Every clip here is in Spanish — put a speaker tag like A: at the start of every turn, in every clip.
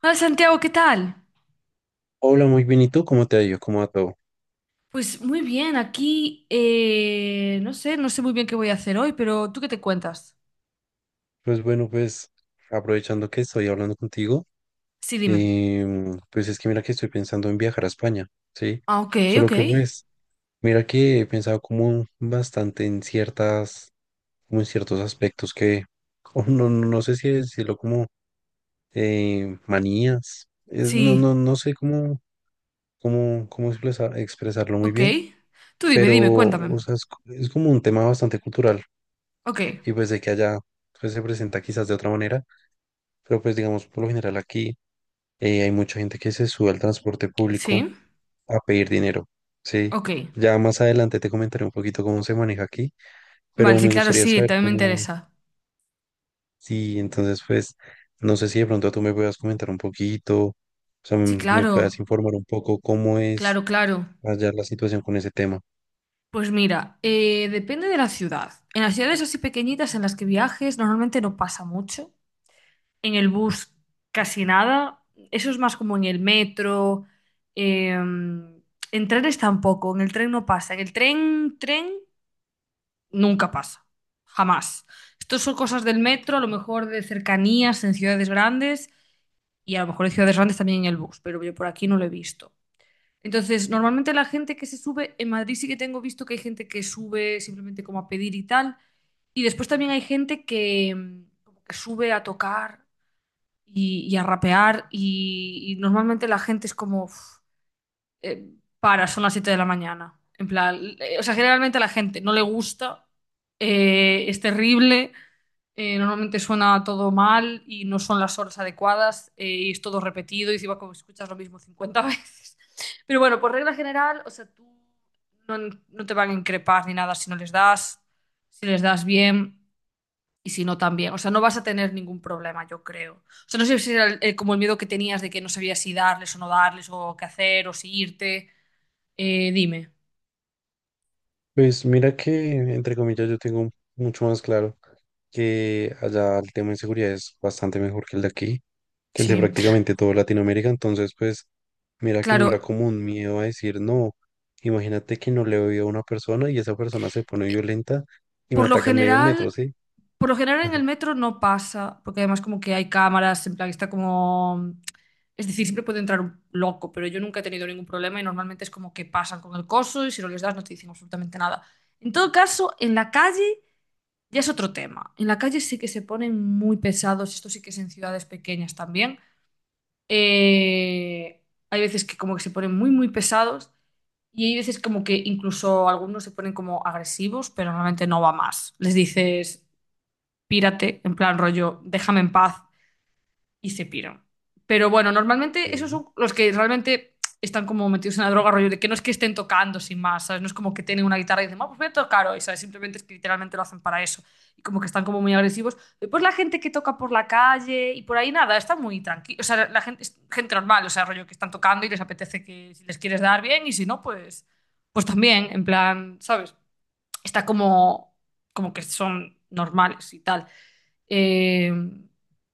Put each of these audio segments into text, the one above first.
A: Hola Santiago, ¿qué tal?
B: Hola, muy bien. ¿Y tú cómo te ha ido? ¿Cómo va todo?
A: Pues muy bien, aquí no sé muy bien qué voy a hacer hoy, pero ¿tú qué te cuentas?
B: Pues bueno, pues aprovechando que estoy hablando contigo,
A: Sí, dime.
B: pues es que mira que estoy pensando en viajar a España, ¿sí?
A: Ah, ok,
B: Solo
A: ok.
B: que pues, mira que he pensado como bastante en ciertas, como en ciertos aspectos que, o no, no sé si decirlo como manías, es, no,
A: Sí,
B: no, no sé cómo, cómo expresarlo muy
A: ok.
B: bien,
A: Tú dime,
B: pero,
A: dime,
B: o
A: cuéntame.
B: sea, es como un tema bastante cultural
A: Ok,
B: y pues de que allá pues, se presenta quizás de otra manera. Pero pues digamos, por lo general aquí hay mucha gente que se sube al transporte público
A: sí,
B: a pedir dinero, ¿sí?
A: ok.
B: Ya más adelante te comentaré un poquito cómo se maneja aquí,
A: Vale,
B: pero
A: sí,
B: me
A: claro,
B: gustaría
A: sí,
B: saber
A: también me
B: cómo,
A: interesa.
B: sí, entonces pues no sé si de pronto tú me puedas comentar un poquito, o sea,
A: Sí,
B: me puedas
A: claro,
B: informar un poco cómo es
A: claro, claro.
B: allá la situación con ese tema.
A: Pues mira, depende de la ciudad. En las ciudades así pequeñitas en las que viajes normalmente no pasa mucho. En el bus casi nada. Eso es más como en el metro. eh, en trenes tampoco, en el tren no pasa. En el tren, tren nunca pasa, jamás. Estos son cosas del metro, a lo mejor de cercanías en ciudades grandes y a lo mejor en ciudades grandes también en el bus, pero yo por aquí no lo he visto. Entonces, normalmente la gente que se sube, en Madrid sí que tengo visto que hay gente que sube simplemente como a pedir y tal, y después también hay gente que, como que sube a tocar y a rapear y normalmente la gente es como, "Uf, eh, para, son las 7 de la mañana. En plan, o sea, generalmente a la gente no le gusta, es terrible, normalmente suena todo mal y no son las horas adecuadas y es todo repetido y encima como escuchas lo mismo 50 veces. Pero bueno, por regla general, o sea, tú no, no te van a increpar ni nada si no les das, si les das bien. Y si no, también. O sea, no vas a tener ningún problema, yo creo. O sea, no sé si era como el miedo que tenías de que no sabías si darles o no darles, o qué hacer, o si irte. Dime.
B: Pues mira que, entre comillas, yo tengo mucho más claro que allá el tema de seguridad es bastante mejor que el de aquí, que el de
A: Sí.
B: prácticamente todo Latinoamérica, entonces pues mira que no
A: Claro,
B: era como un miedo a decir, no, imagínate que no le doy a una persona y esa persona se pone
A: eh,
B: violenta y me
A: por lo
B: ataca en medio del metro,
A: general,
B: ¿sí?
A: por lo general en el metro no pasa, porque además como que hay cámaras, en plan está como. Es decir, siempre puede entrar un loco, pero yo nunca he tenido ningún problema y normalmente es como que pasan con el coso y si no les das no te dicen absolutamente nada. En todo caso, en la calle. Ya es otro tema. En la calle sí que se ponen muy pesados, esto sí que es en ciudades pequeñas también. Eh, Hay veces que como que se ponen muy, muy pesados y hay veces como que incluso algunos se ponen como agresivos, pero normalmente no va más. Les dices, pírate, en plan rollo, déjame en paz, y se pira. Pero bueno,
B: Ok,
A: normalmente esos son los que realmente están como metidos en la droga, rollo de que no es que estén tocando sin más, ¿sabes? No es como que tienen una guitarra y dicen, vamos, voy a tocar hoy, ¿sabes? Simplemente es que literalmente lo hacen para eso. Y como que están como muy agresivos. Después la gente que toca por la calle y por ahí nada, está muy tranquila. O sea, la gente, es gente normal, o sea, rollo que están tocando y les apetece que si les quieres dar bien y si no, pues, también, en plan, ¿sabes? Está como, como que son normales y tal. Eh,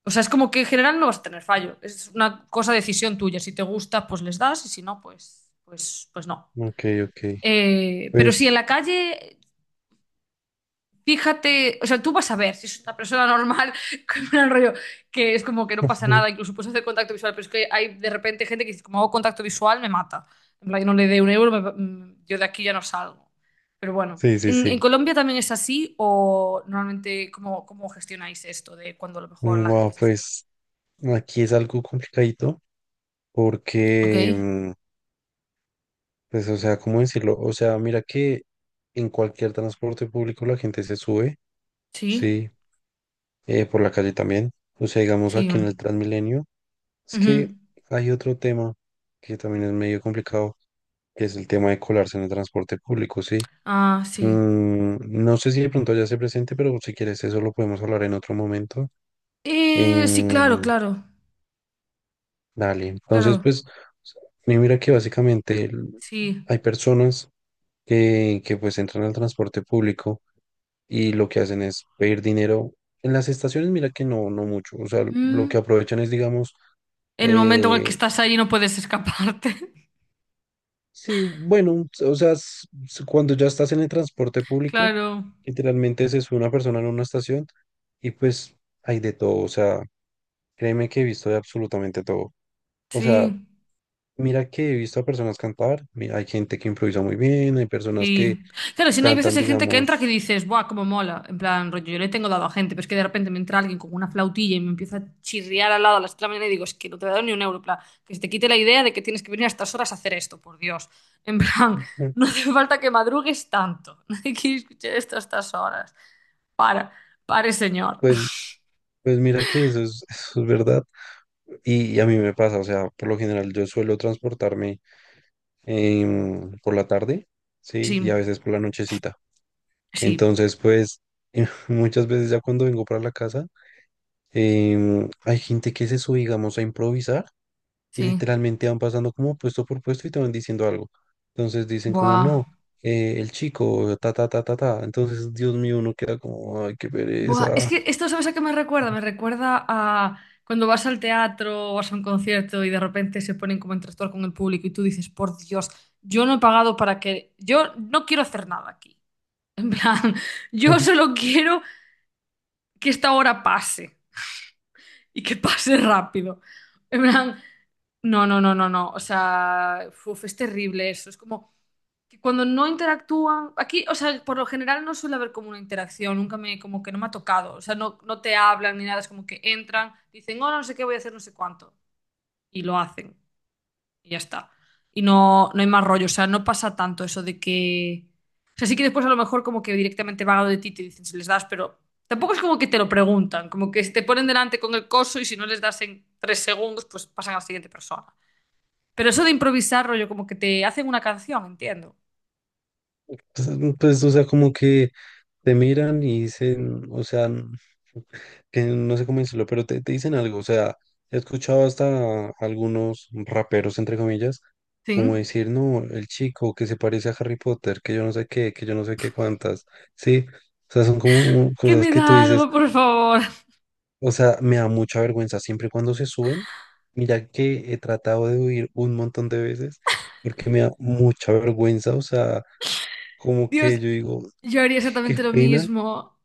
A: o sea, es como que en general no vas a tener fallo. Es una cosa decisión tuya. Si te gusta, pues les das y si no, pues no.
B: ok, ok.
A: Pero si en
B: Pues
A: la calle, fíjate, o sea, tú vas a ver si es una persona normal, con un rollo que es como que no pasa nada, incluso puedes hacer contacto visual, pero es que hay de repente gente que dice, como hago contacto visual, me mata. En plan, yo no le dé un euro, yo de aquí ya no salgo. Pero bueno,
B: sí, sí,
A: ¿en
B: sí.
A: Colombia también es así o normalmente cómo gestionáis esto de cuando a lo mejor la gente
B: Wow,
A: se sube?
B: pues aquí es algo complicadito
A: Ok,
B: porque, pues o sea, ¿cómo decirlo? O sea, mira que en cualquier transporte público la gente se sube,
A: sí,
B: sí, por la calle también, o sea, digamos
A: sí.
B: aquí en el
A: Mm,
B: Transmilenio. Es
A: ujú.
B: que hay otro tema que también es medio complicado, que es el tema de colarse en el transporte público, ¿sí?
A: Ah, sí.
B: Mm, no sé si de pronto ya se presente, pero si quieres eso lo podemos hablar en otro momento.
A: Sí, claro,
B: Em,
A: claro,
B: dale, entonces
A: claro,
B: pues, mira que básicamente
A: sí.
B: hay personas que pues entran al transporte público y lo que hacen es pedir dinero. En las estaciones, mira que no, no mucho, o sea, lo que
A: Mm,
B: aprovechan es, digamos,
A: El momento en el que
B: eh,
A: estás ahí no puedes escaparte.
B: sí, bueno, o sea, cuando ya estás en el transporte público,
A: Claro,
B: literalmente se sube una persona en una estación y pues hay de todo, o sea, créeme que he visto de absolutamente todo. O sea,
A: sí.
B: mira que he visto a personas cantar, hay gente que improvisa muy bien, hay personas que
A: Sí. Claro, si no hay
B: cantan,
A: veces hay gente que entra que
B: digamos,
A: dices, ¡buah, cómo mola! En plan, rollo, yo le tengo dado a gente, pero es que de repente me entra alguien con una flautilla y me empieza a chirriar al lado a las 3 de la mañana y digo, es que no te he dado ni un euro, en plan, que se te quite la idea de que tienes que venir a estas horas a hacer esto, por Dios. En plan,
B: ujú,
A: no hace falta que madrugues tanto. Nadie quiere escuchar esto a estas horas. Para, pare, señor.
B: pues, pues mira que eso es, eso es verdad. Y, a mí me pasa, o sea, por lo general yo suelo transportarme por la tarde,
A: Sí,
B: sí, y a veces por la nochecita.
A: sí,
B: Entonces, pues, muchas veces ya cuando vengo para la casa, hay gente que se sube, digamos, a improvisar y
A: sí.
B: literalmente van pasando como puesto por puesto y te van diciendo algo. Entonces dicen como, no,
A: Buah.
B: el chico, ta, ta, ta, ta, ta. Entonces, Dios mío, uno queda como, ay, qué
A: Buah, es
B: pereza.
A: que esto, ¿sabes a qué me recuerda? Me recuerda a cuando vas al teatro o vas a un concierto y de repente se ponen como en tractor con el público y tú dices, por Dios, yo no he pagado para que. Yo no quiero hacer nada aquí. En plan, yo solo quiero que esta hora pase y que pase rápido. En plan, no, no, no, no, no. O sea, uf, es terrible eso. Es como que cuando no interactúan, aquí, o sea, por lo general no suele haber como una interacción, nunca como que no me ha tocado, o sea, no te hablan ni nada, es como que entran, dicen, oh, no sé qué voy a hacer, no sé cuánto, y lo hacen, y ya está. Y no hay más rollo, o sea, no pasa tanto eso de que, o sea, sí que después a lo mejor como que directamente van a lo de ti y te dicen si les das, pero tampoco es como que te lo preguntan, como que si te ponen delante con el coso y si no les das en 3 segundos, pues pasan a la siguiente persona. Pero eso de improvisar, rollo, como que te hacen una canción, entiendo.
B: Entonces, pues, o sea, como que te miran y dicen, o sea, que no sé cómo decirlo, pero te dicen algo, o sea, he escuchado hasta algunos raperos, entre comillas, como
A: Sí.
B: decir, no, el chico que se parece a Harry Potter, que yo no sé qué, que yo no sé qué cuántas, sí, o sea, son como
A: Que
B: cosas
A: me
B: que tú
A: da
B: dices,
A: algo, por favor.
B: o sea, me da mucha vergüenza siempre y cuando se suben, mira que he tratado de huir un montón de veces, porque me da mucha vergüenza, o sea, como que
A: Dios,
B: yo digo,
A: yo haría
B: qué
A: exactamente lo
B: pena,
A: mismo.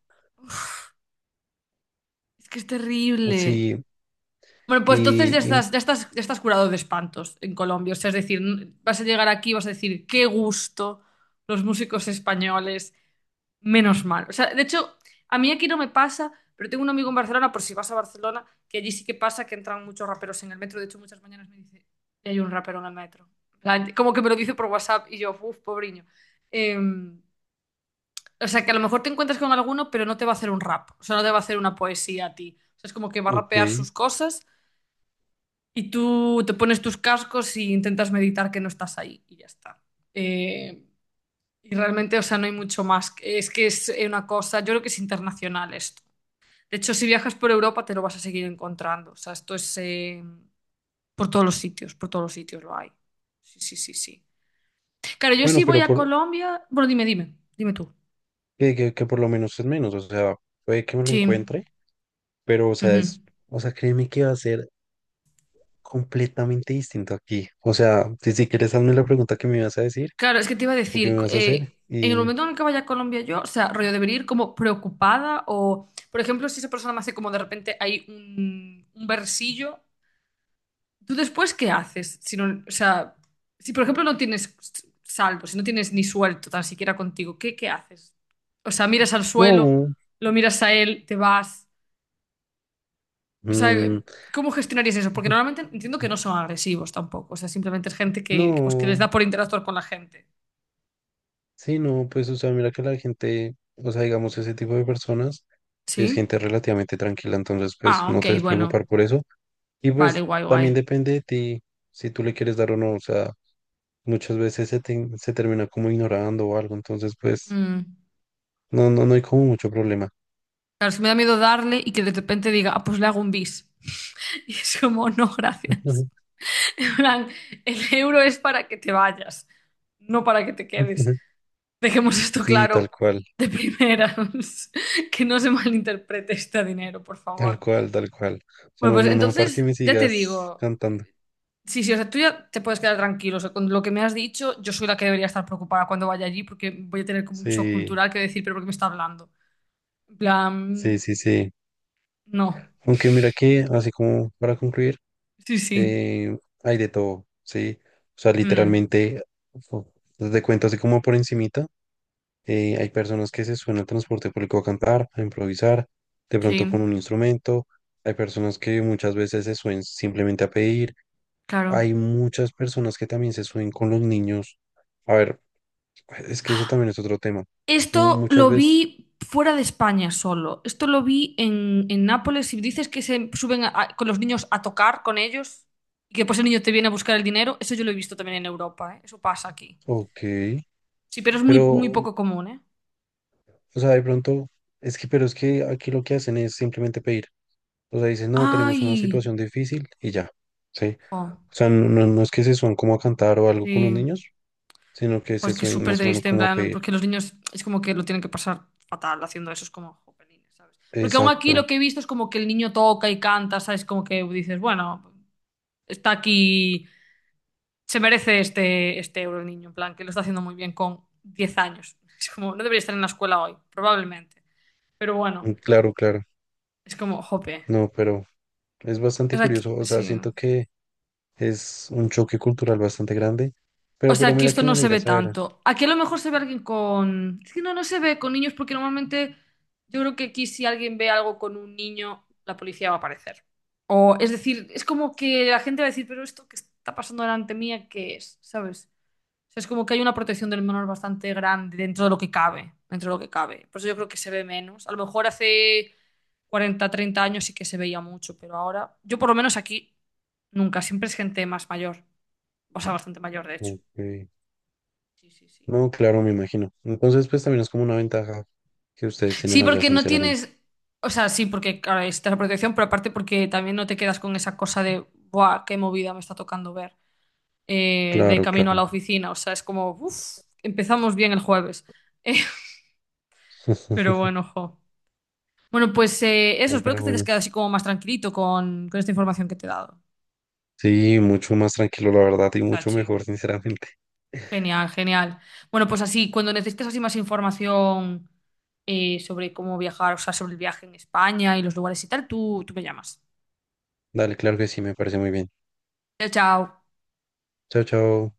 A: Es que es terrible.
B: sí.
A: Bueno, pues entonces ya
B: Y, y-
A: estás, ya estás, ya estás curado de espantos en Colombia. O sea, es decir, vas a llegar aquí y vas a decir, qué gusto los músicos españoles. Menos mal. O sea, de hecho, a mí aquí no me pasa, pero tengo un amigo en Barcelona, por si vas a Barcelona, que allí sí que pasa que entran muchos raperos en el metro. De hecho, muchas mañanas me dice, "Ya hay un rapero en el metro." En plan, como que me lo dice por WhatsApp y yo, uff, pobriño. O sea, que a lo mejor te encuentras con alguno, pero no te va a hacer un rap, o sea, no te va a hacer una poesía a ti. O sea, es como que va a
B: ok.
A: rapear sus cosas y tú te pones tus cascos y intentas meditar que no estás ahí y ya está. Eh, y realmente, o sea, no hay mucho más. Es que es una cosa, yo creo que es internacional esto. De hecho, si viajas por Europa te lo vas a seguir encontrando. O sea, esto es por todos los sitios, por todos los sitios lo hay. Sí, sí, sí, sí. Claro, yo sí
B: Bueno,
A: voy
B: pero
A: a
B: por,
A: Colombia. Bueno, dime, dime, dime tú.
B: que por lo menos es menos. O sea, puede que me lo
A: Sí.
B: encuentre, pero o sea, es,
A: Ujú.
B: o sea, créeme que va a ser completamente distinto aquí. O sea, si, si quieres, hazme la pregunta que me vas a decir
A: Claro, es que te iba a
B: o que
A: decir,
B: me vas a hacer.
A: en el
B: Y
A: momento en el que vaya a Colombia yo, o sea, rollo, debería ir como preocupada o, por ejemplo, si esa persona me hace como de repente hay un versillo, ¿tú después qué haces? Si no, o sea, si por ejemplo no tienes salvo, si no tienes ni suelto tan siquiera contigo, ¿qué, haces? O sea, miras al suelo,
B: no,
A: lo miras a él, te vas. O sea,
B: mm,
A: ¿cómo gestionarías eso? Porque normalmente entiendo que no son agresivos tampoco, o sea, simplemente es gente que les
B: no,
A: da por interactuar con la gente.
B: sí, no, pues, o sea, mira que la gente, o sea, digamos, ese tipo de personas es
A: ¿Sí?
B: gente relativamente tranquila, entonces, pues,
A: Ah,
B: no
A: ok,
B: te debes
A: bueno.
B: preocupar por eso. Y
A: Vale,
B: pues,
A: guay,
B: también
A: guay.
B: depende de ti si tú le quieres dar o no, o sea. Muchas veces se, se termina como ignorando o algo, entonces pues
A: Mm.
B: no, no hay como mucho problema.
A: Claro, es que me da miedo darle y que de repente diga, ah, pues le hago un bis. Y es como, no, gracias. En plan, el euro es para que te vayas, no para que te quedes. Dejemos esto
B: Sí, tal
A: claro
B: cual,
A: de primeras, que no se malinterprete este dinero, por
B: tal
A: favor.
B: cual, tal cual. O sea,
A: Bueno,
B: no,
A: pues
B: no, no, para que
A: entonces
B: me
A: ya te
B: sigas
A: digo,
B: cantando.
A: sí, sí, o sea, tú ya te puedes quedar tranquilo, o sea, con lo que me has dicho, yo soy la que debería estar preocupada cuando vaya allí porque voy a tener como un shock
B: Sí,
A: cultural que decir, pero ¿por qué me está hablando? En
B: sí,
A: plan,
B: sí, sí.
A: no.
B: Aunque mira que, así como para concluir,
A: Sí, sí.
B: eh, hay de todo, ¿sí? O sea,
A: Mm,
B: literalmente, o- te cuento así como por encimita. Hay personas que se suben al transporte público a cantar, a improvisar, de
A: sí,
B: pronto con un instrumento. Hay personas que muchas veces se suben simplemente a pedir.
A: claro.
B: Hay muchas personas que también se suben con los niños. A ver, es que eso también es otro tema.
A: Esto
B: Muchas
A: lo
B: veces,
A: vi fuera de España solo. Esto lo vi en Nápoles. Si dices que se suben con los niños a tocar con ellos y que después el niño te viene a buscar el dinero, eso yo lo he visto también en Europa, ¿eh? Eso pasa aquí.
B: ok,
A: Sí, pero es muy, muy
B: pero,
A: poco común, ¿eh?
B: o sea, de pronto, es que, pero es que aquí lo que hacen es simplemente pedir. O sea, dicen, no, tenemos una
A: ¡Ay!
B: situación difícil y ya, ¿sí?
A: Jo,
B: O sea, no, no es que se suban como a cantar o algo con los
A: sí.
B: niños, sino que se
A: Pues que es
B: suelen
A: súper
B: más o menos
A: triste, en
B: como a
A: plan,
B: pedir.
A: porque los niños es como que lo tienen que pasar fatal haciendo eso, es como jopelines, ¿sabes? Porque aún aquí
B: Exacto,
A: lo que he visto es como que el niño toca y canta, ¿sabes? Como que dices, bueno. Está aquí, se merece este euro el niño, en plan, que lo está haciendo muy bien con 10 años. Es como, no debería estar en la escuela hoy, probablemente. Pero bueno,
B: claro, claro.
A: es como, jope.
B: No, pero es
A: O
B: bastante
A: sea, aquí,
B: curioso, o sea,
A: sí.
B: siento que es un choque cultural bastante grande,
A: O sea,
B: pero
A: aquí
B: mira
A: esto
B: que me
A: no se
B: alegra
A: ve
B: saber.
A: tanto. Aquí a lo mejor se ve alguien con. Es que no se ve con niños porque normalmente yo creo que aquí si alguien ve algo con un niño, la policía va a aparecer. O es decir, es como que la gente va a decir, pero esto que está pasando delante mía, ¿qué es? ¿Sabes? O sea, es como que hay una protección del menor bastante grande dentro de lo que cabe, dentro de lo que cabe. Por eso yo creo que se ve menos. A lo mejor hace 40 30 años sí que se veía mucho, pero ahora, yo por lo menos aquí, nunca. Siempre es gente más mayor. O sea, bastante mayor, de hecho.
B: Ok.
A: Sí, sí, sí.
B: No, claro, me imagino. Entonces, pues también es como una ventaja que ustedes tienen
A: Sí,
B: allá,
A: porque no
B: sinceramente.
A: tienes. O sea, sí, porque claro, está la protección, pero aparte porque también no te quedas con esa cosa de, ¡buah, qué movida me está tocando ver, de
B: Claro,
A: camino a
B: claro.
A: la oficina! O sea, es como, uff, empezamos bien el jueves. Pero bueno, jo. Bueno, pues eso,
B: Ay,
A: espero
B: pero
A: que te hayas
B: bueno,
A: quedado así como más tranquilito con, esta información que te he dado,
B: sí, mucho más tranquilo, la verdad, y mucho
A: Chachi.
B: mejor, sinceramente.
A: Genial, genial. Bueno, pues así, cuando necesites así más información sobre cómo viajar, o sea, sobre el viaje en España y los lugares y tal, tú me llamas.
B: Dale, claro que sí, me parece muy bien.
A: Chao, chao.
B: Chao, chao.